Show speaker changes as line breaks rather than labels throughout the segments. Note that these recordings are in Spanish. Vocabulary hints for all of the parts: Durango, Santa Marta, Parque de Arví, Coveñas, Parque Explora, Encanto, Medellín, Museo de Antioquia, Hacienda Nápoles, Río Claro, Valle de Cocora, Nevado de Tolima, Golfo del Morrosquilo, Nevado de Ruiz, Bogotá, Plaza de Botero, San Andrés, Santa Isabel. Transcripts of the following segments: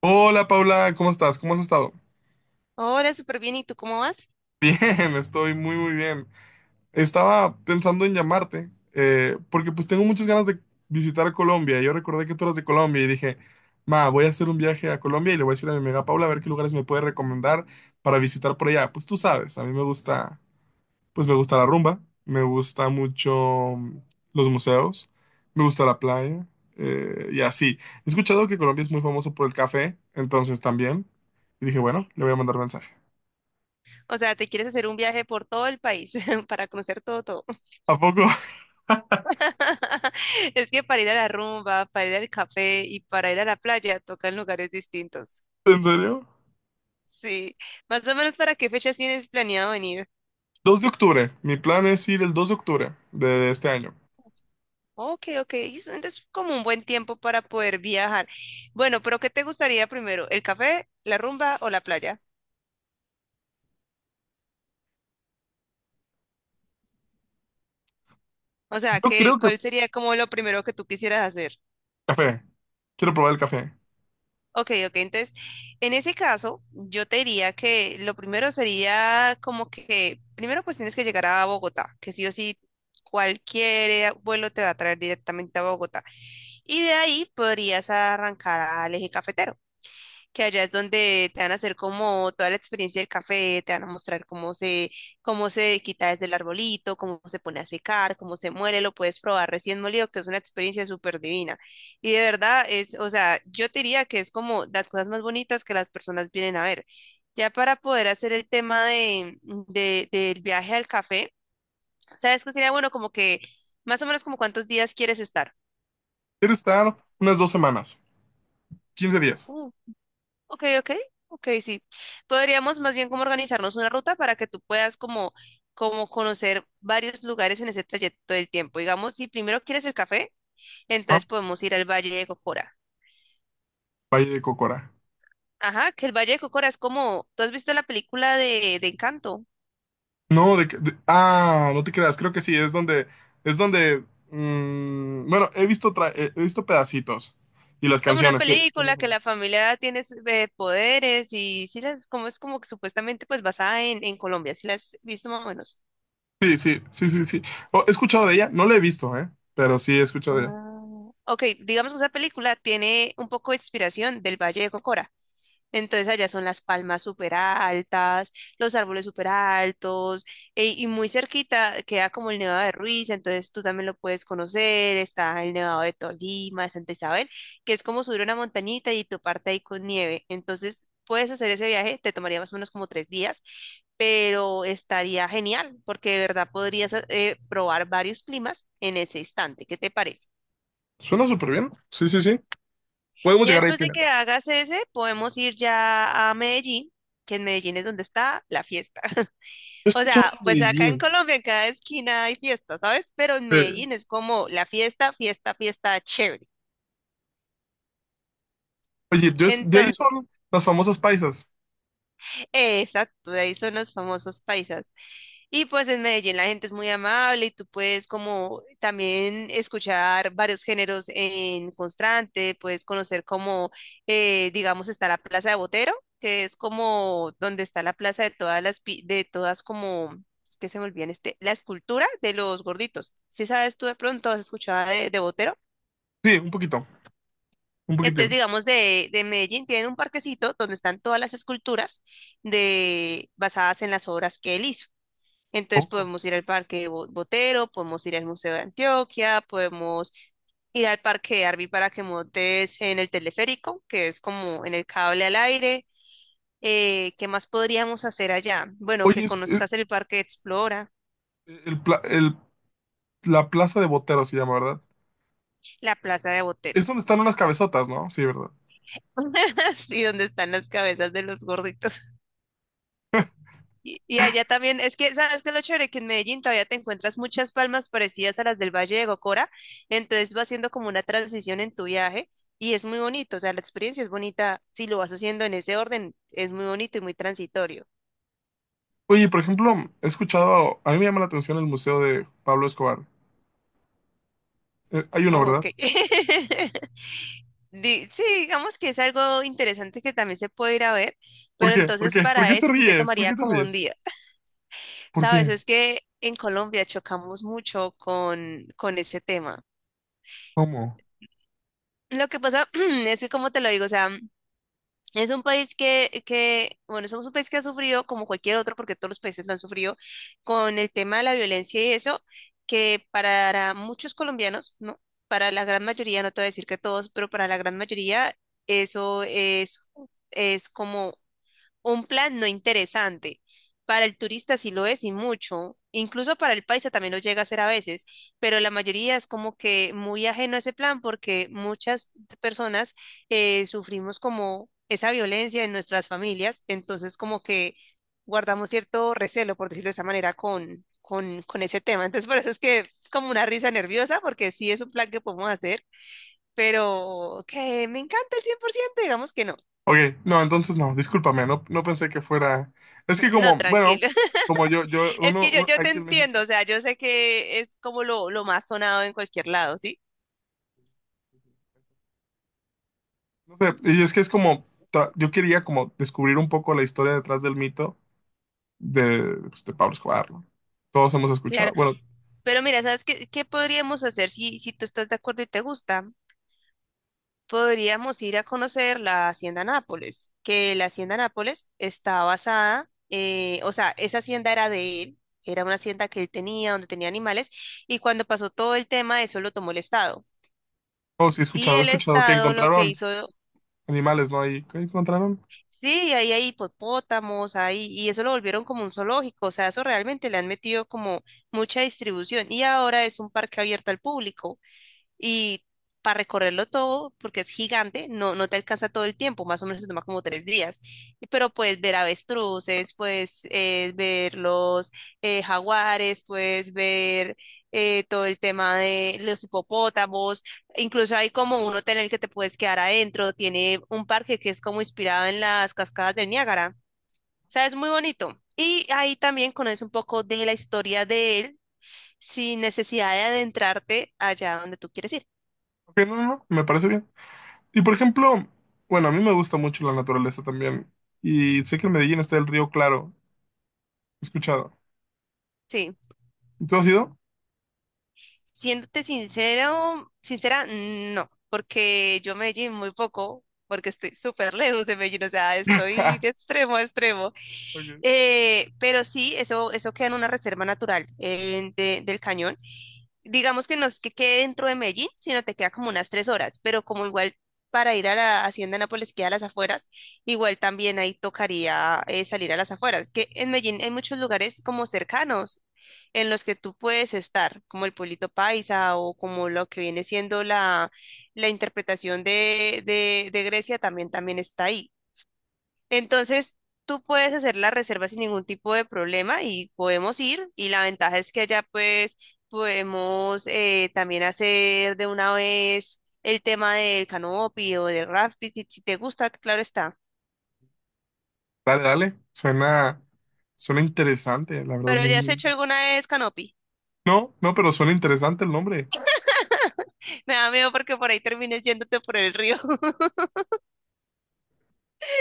Hola Paula, ¿cómo estás? ¿Cómo has estado?
Hola, súper bien. ¿Y tú cómo vas?
Bien, estoy muy muy bien. Estaba pensando en llamarte porque pues tengo muchas ganas de visitar Colombia. Yo recordé que tú eras de Colombia y dije, ma, voy a hacer un viaje a Colombia y le voy a decir a mi amiga Paula a ver qué lugares me puede recomendar para visitar por allá. Pues tú sabes, a mí me gusta, pues me gusta la rumba, me gusta mucho mm, los museos, me gusta la playa, y así. He escuchado que Colombia es muy famoso por el café, entonces también. Y dije, bueno, le voy a mandar mensaje.
O sea, ¿te quieres hacer un viaje por todo el país para conocer todo, todo?
¿A poco?
Es que para ir a la rumba, para ir al café y para ir a la playa tocan lugares distintos.
¿En serio?
Sí, más o menos para qué fechas tienes planeado venir.
2 de octubre. Mi plan es ir el 2 de octubre de este año.
Ok, ok, y entonces es como un buen tiempo para poder viajar. Bueno, pero ¿qué te gustaría primero? ¿El café, la rumba o la playa? O sea,
Yo creo que...
¿cuál sería como lo primero que tú quisieras hacer?
Café. Quiero probar el café.
Ok, ok. Entonces, en ese caso, yo te diría que lo primero sería como que, primero pues tienes que llegar a Bogotá, que sí o sí cualquier vuelo te va a traer directamente a Bogotá. Y de ahí podrías arrancar al eje cafetero que allá es donde te van a hacer como toda la experiencia del café, te van a mostrar cómo se quita desde el arbolito, cómo se pone a secar, cómo se muele, lo puedes probar recién molido, que es una experiencia súper divina. Y de verdad es, o sea, yo te diría que es como las cosas más bonitas que las personas vienen a ver. Ya para poder hacer el tema del viaje al café, ¿sabes qué sería bueno? Como que más o menos como cuántos días quieres estar.
Quiero estar unas dos semanas, 15 días.
Uh, Ok, ok, ok, sí. Podríamos más bien como organizarnos una ruta para que tú puedas como conocer varios lugares en ese trayecto del tiempo. Digamos, si primero quieres el café,
Ah,
entonces podemos ir al Valle de Cocora.
Valle de Cocora.
Ajá, que el Valle de Cocora es como, ¿tú has visto la película de Encanto?
No, de, Ah, no te creas. Creo que sí. Es donde... mm, bueno, he visto, he visto pedacitos. Y las
Es como una
canciones que...
película que la familia tiene poderes y sí las, como es como que supuestamente pues basada en Colombia, si la has visto más o menos.
Sí, sí, sí, sí, sí. Oh, he escuchado de ella. No la he visto, ¿eh? Pero sí he escuchado de ella.
Ah, Ok, digamos que esa película tiene un poco de inspiración del Valle de Cocora. Entonces allá son las palmas súper altas, los árboles súper altos, y muy cerquita queda como el Nevado de Ruiz, entonces tú también lo puedes conocer, está el Nevado de Tolima, de Santa Isabel, que es como subir una montañita y toparte ahí con nieve. Entonces puedes hacer ese viaje, te tomaría más o menos como tres días, pero estaría genial, porque de verdad podrías probar varios climas en ese instante. ¿Qué te parece?
Suena súper bien. Sí, sí, sí. Podemos
Ya
llegar ahí
después de
primero.
que hagas ese, podemos ir ya a Medellín, que en Medellín es donde está la fiesta.
He
O
escuchado
sea,
de
pues acá en
Medellín.
Colombia en cada esquina hay fiesta, ¿sabes? Pero en
Eh,
Medellín es como la fiesta, fiesta, fiesta chévere.
oye, de ahí
Entonces,
son las famosas paisas.
exacto, de ahí son los famosos paisas. Y pues en Medellín la gente es muy amable y tú puedes como también escuchar varios géneros en constante, puedes conocer digamos, está la Plaza de Botero, que es como donde está la plaza de todas de todas como, es que se me olvidan este, la escultura de los gorditos. Si sabes tú de pronto, has escuchado de Botero.
Sí, un poquito, un poquitín,
Entonces, digamos, de Medellín tienen un parquecito donde están todas las esculturas de, basadas en las obras que él hizo. Entonces
poco.
podemos ir al Botero, podemos ir al Museo de Antioquia, podemos ir al Parque de Arví para que montes en el teleférico, que es como en el cable al aire. ¿Qué más podríamos hacer allá? Bueno, que
Oye,
conozcas el Parque Explora,
el, la plaza de Botero se llama, ¿verdad?
la Plaza de Boteros,
Es donde
sí.
están unas cabezotas, ¿no? Sí, ¿verdad?
Sí, donde están las cabezas de los gorditos. Y allá también, es que, ¿sabes qué es lo chévere? Que en Medellín todavía te encuentras muchas palmas parecidas a las del Valle de Gocora, entonces vas haciendo como una transición en tu viaje y es muy bonito, o sea, la experiencia es bonita, si lo vas haciendo en ese orden, es muy bonito y muy transitorio.
Oye, por ejemplo, he escuchado, a mí me llama la atención el museo de Pablo Escobar. Hay uno,
Oh,
¿verdad?
Ok. Sí, digamos que es algo interesante que también se puede ir a ver,
¿Por
pero
qué? ¿Por
entonces
qué? ¿Por
para
qué te
ese sí te
ríes? ¿Por
tomaría
qué te
como un
ríes?
día.
¿Por
Sabes,
qué?
es que en Colombia chocamos mucho con ese tema.
¿Cómo?
Lo que pasa es que, como te lo digo, o sea, es un país bueno, somos un país que ha sufrido, como cualquier otro, porque todos los países lo han sufrido, con el tema de la violencia y eso, que para muchos colombianos, ¿no? Para la gran mayoría, no te voy a decir que todos, pero para la gran mayoría, eso es como un plan no interesante. Para el turista sí lo es y mucho. Incluso para el paisa también lo llega a ser a veces, pero la mayoría es como que muy ajeno a ese plan porque muchas personas sufrimos como esa violencia en nuestras familias, entonces como que guardamos cierto recelo, por decirlo de esa manera, con ese tema. Entonces por eso es que es como una risa nerviosa porque sí es un plan que podemos hacer, pero que me encanta el 100% digamos que no.
Ok, no, entonces no, discúlpame, no, no pensé que fuera. Es que
No,
como, bueno,
tranquilo.
como yo,
Es
uno,
que yo te
aquí en
entiendo,
México.
o sea, yo sé que es como lo más sonado en cualquier lado, ¿sí?
No sé, y es que es como, yo quería como descubrir un poco la historia detrás del mito de, pues, de Pablo Escobar, ¿no? Todos hemos escuchado,
Claro,
bueno,
pero mira, ¿sabes qué podríamos hacer si tú estás de acuerdo y te gusta? Podríamos ir a conocer la Hacienda Nápoles, que la Hacienda Nápoles está basada, o sea, esa hacienda era de él, era una hacienda que él tenía, donde tenía animales, y cuando pasó todo el tema, eso lo tomó el Estado.
oh, sí
Y
he
el
escuchado que
Estado lo que
encontraron
hizo
animales, ¿no? Ahí, ¿qué encontraron?
sí, ahí hay hipopótamos, ahí, y eso lo volvieron como un zoológico, o sea, eso realmente le han metido como mucha distribución y ahora es un parque abierto al público. Y para recorrerlo todo, porque es gigante, no, no te alcanza todo el tiempo, más o menos se toma como tres días. Pero puedes ver avestruces, puedes ver los jaguares, puedes ver todo el tema de los hipopótamos. Incluso hay como un hotel en el que te puedes quedar adentro. Tiene un parque que es como inspirado en las cascadas del Niágara. O sea, es muy bonito. Y ahí también conoces un poco de la historia de él sin necesidad de adentrarte allá donde tú quieres ir.
Ok, no, no, no, me parece bien. Y por ejemplo, bueno, a mí me gusta mucho la naturaleza también. Y sé que en Medellín está el río Claro, he escuchado.
Sí.
¿Y tú has ido?
Siéndote sincero, sincera, no, porque yo Medellín muy poco, porque estoy súper lejos de Medellín, o sea, estoy de extremo a extremo.
Ok.
Pero sí, eso queda en una reserva natural del cañón, digamos que no es que quede dentro de Medellín, sino te queda como unas tres horas, pero como igual para ir a la Hacienda Nápoles queda a las afueras, igual también ahí tocaría salir a las afueras, que en Medellín hay muchos lugares como cercanos en los que tú puedes estar, como el pueblito paisa o como lo que viene siendo la interpretación de Grecia también, también está ahí. Entonces, tú puedes hacer la reserva sin ningún tipo de problema y podemos ir. Y la ventaja es que allá pues podemos también hacer de una vez el tema del canopy o del rafting, si te gusta, claro está.
Dale, dale, suena, suena interesante, la verdad.
Pero ¿ya has hecho alguna vez canopy?
No, no, pero suena interesante el nombre.
Me da miedo porque por ahí termines yéndote por el río.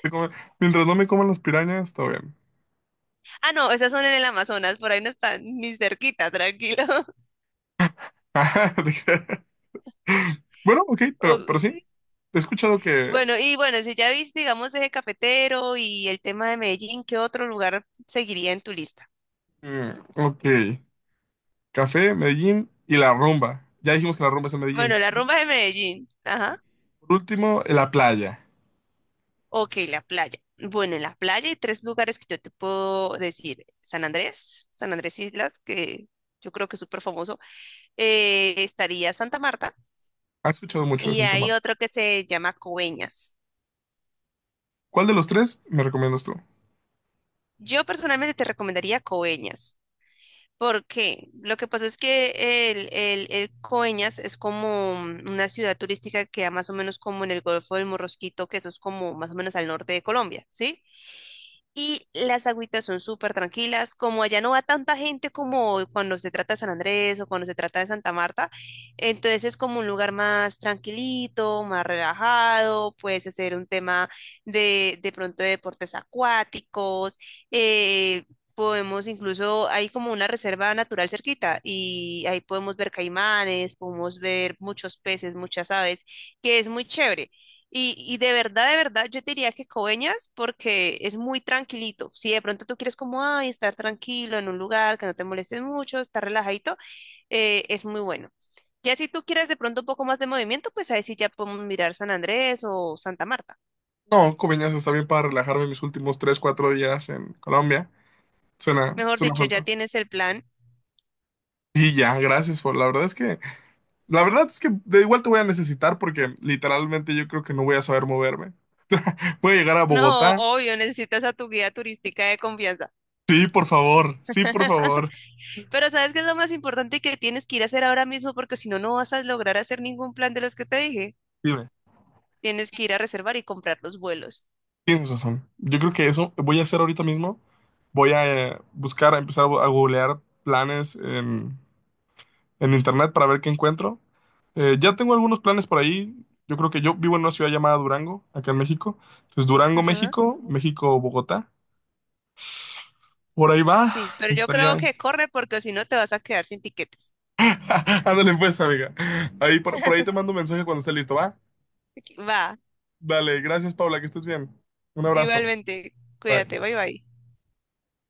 Te come- Mientras no me coman las pirañas, todo bien.
Ah, no, esas son en el Amazonas, por ahí no están ni cerquita, tranquilo.
Dije, bueno, ok, pero
Ok.
sí. He escuchado que.
Bueno, y bueno, si ya viste, digamos, eje cafetero y el tema de Medellín, ¿qué otro lugar seguiría en tu lista?
Mm, ok. Café, Medellín y la rumba. Ya dijimos que la rumba es en Medellín.
Bueno, la
Y
rumba de Medellín. Ajá.
por último, la playa.
Ok, la playa. Bueno, en la playa hay tres lugares que yo te puedo decir. San Andrés, San Andrés Islas, que yo creo que es súper famoso. Estaría Santa Marta
¿Has escuchado mucho de
y
Santa
hay
Marta?
otro que se llama Coveñas.
¿Cuál de los tres me recomiendas tú?
Yo personalmente te recomendaría Coveñas. ¿Por qué? Lo que pasa es que el Coveñas es como una ciudad turística que queda más o menos como en el Golfo del Morrosquito, que eso es como más o menos al norte de Colombia, ¿sí? Y las agüitas son súper tranquilas, como allá no va tanta gente como cuando se trata de San Andrés o cuando se trata de Santa Marta, entonces es como un lugar más tranquilito, más relajado, puedes hacer un tema de pronto de deportes acuáticos, eh, podemos incluso, hay como una reserva natural cerquita y ahí podemos ver caimanes, podemos ver muchos peces, muchas aves, que es muy chévere. Y de verdad, yo te diría que Coveñas porque es muy tranquilito. Si de pronto tú quieres como, ay, estar tranquilo en un lugar que no te moleste mucho, estar relajadito, es muy bueno. Ya si tú quieres de pronto un poco más de movimiento, pues ahí sí ya podemos mirar San Andrés o Santa Marta.
No, Coveñas está bien para relajarme mis últimos tres, cuatro días en Colombia. Suena,
Mejor
suena
dicho, ya
fantástico.
tienes el plan.
Y ya, gracias por. La verdad es que. La verdad es que de igual te voy a necesitar porque literalmente yo creo que no voy a saber moverme. Puede llegar a
No,
Bogotá.
obvio, necesitas a tu guía turística de confianza.
Sí, por favor, sí, por favor.
Pero ¿sabes qué es lo más importante que tienes que ir a hacer ahora mismo? Porque si no, no vas a lograr hacer ningún plan de los que te dije.
Dime,
Tienes que ir a reservar y comprar los vuelos.
tienes razón. Yo creo que eso voy a hacer ahorita mismo. Voy a buscar, a empezar a a googlear planes en internet para ver qué encuentro. Ya tengo algunos planes por ahí. Yo creo que yo vivo en una ciudad llamada Durango, acá en México. Entonces, Durango,
Ajá.
México, México, Bogotá. Por ahí va,
Sí, pero yo creo
estaría.
que corre porque si no te vas a quedar sin tiquetes.
Ándale pues, amiga. Ahí por ahí te mando un mensaje cuando esté listo, ¿va?
Va,
Dale, gracias, Paula, que estés bien. Un abrazo.
igualmente. Cuídate,
Bye.
bye bye.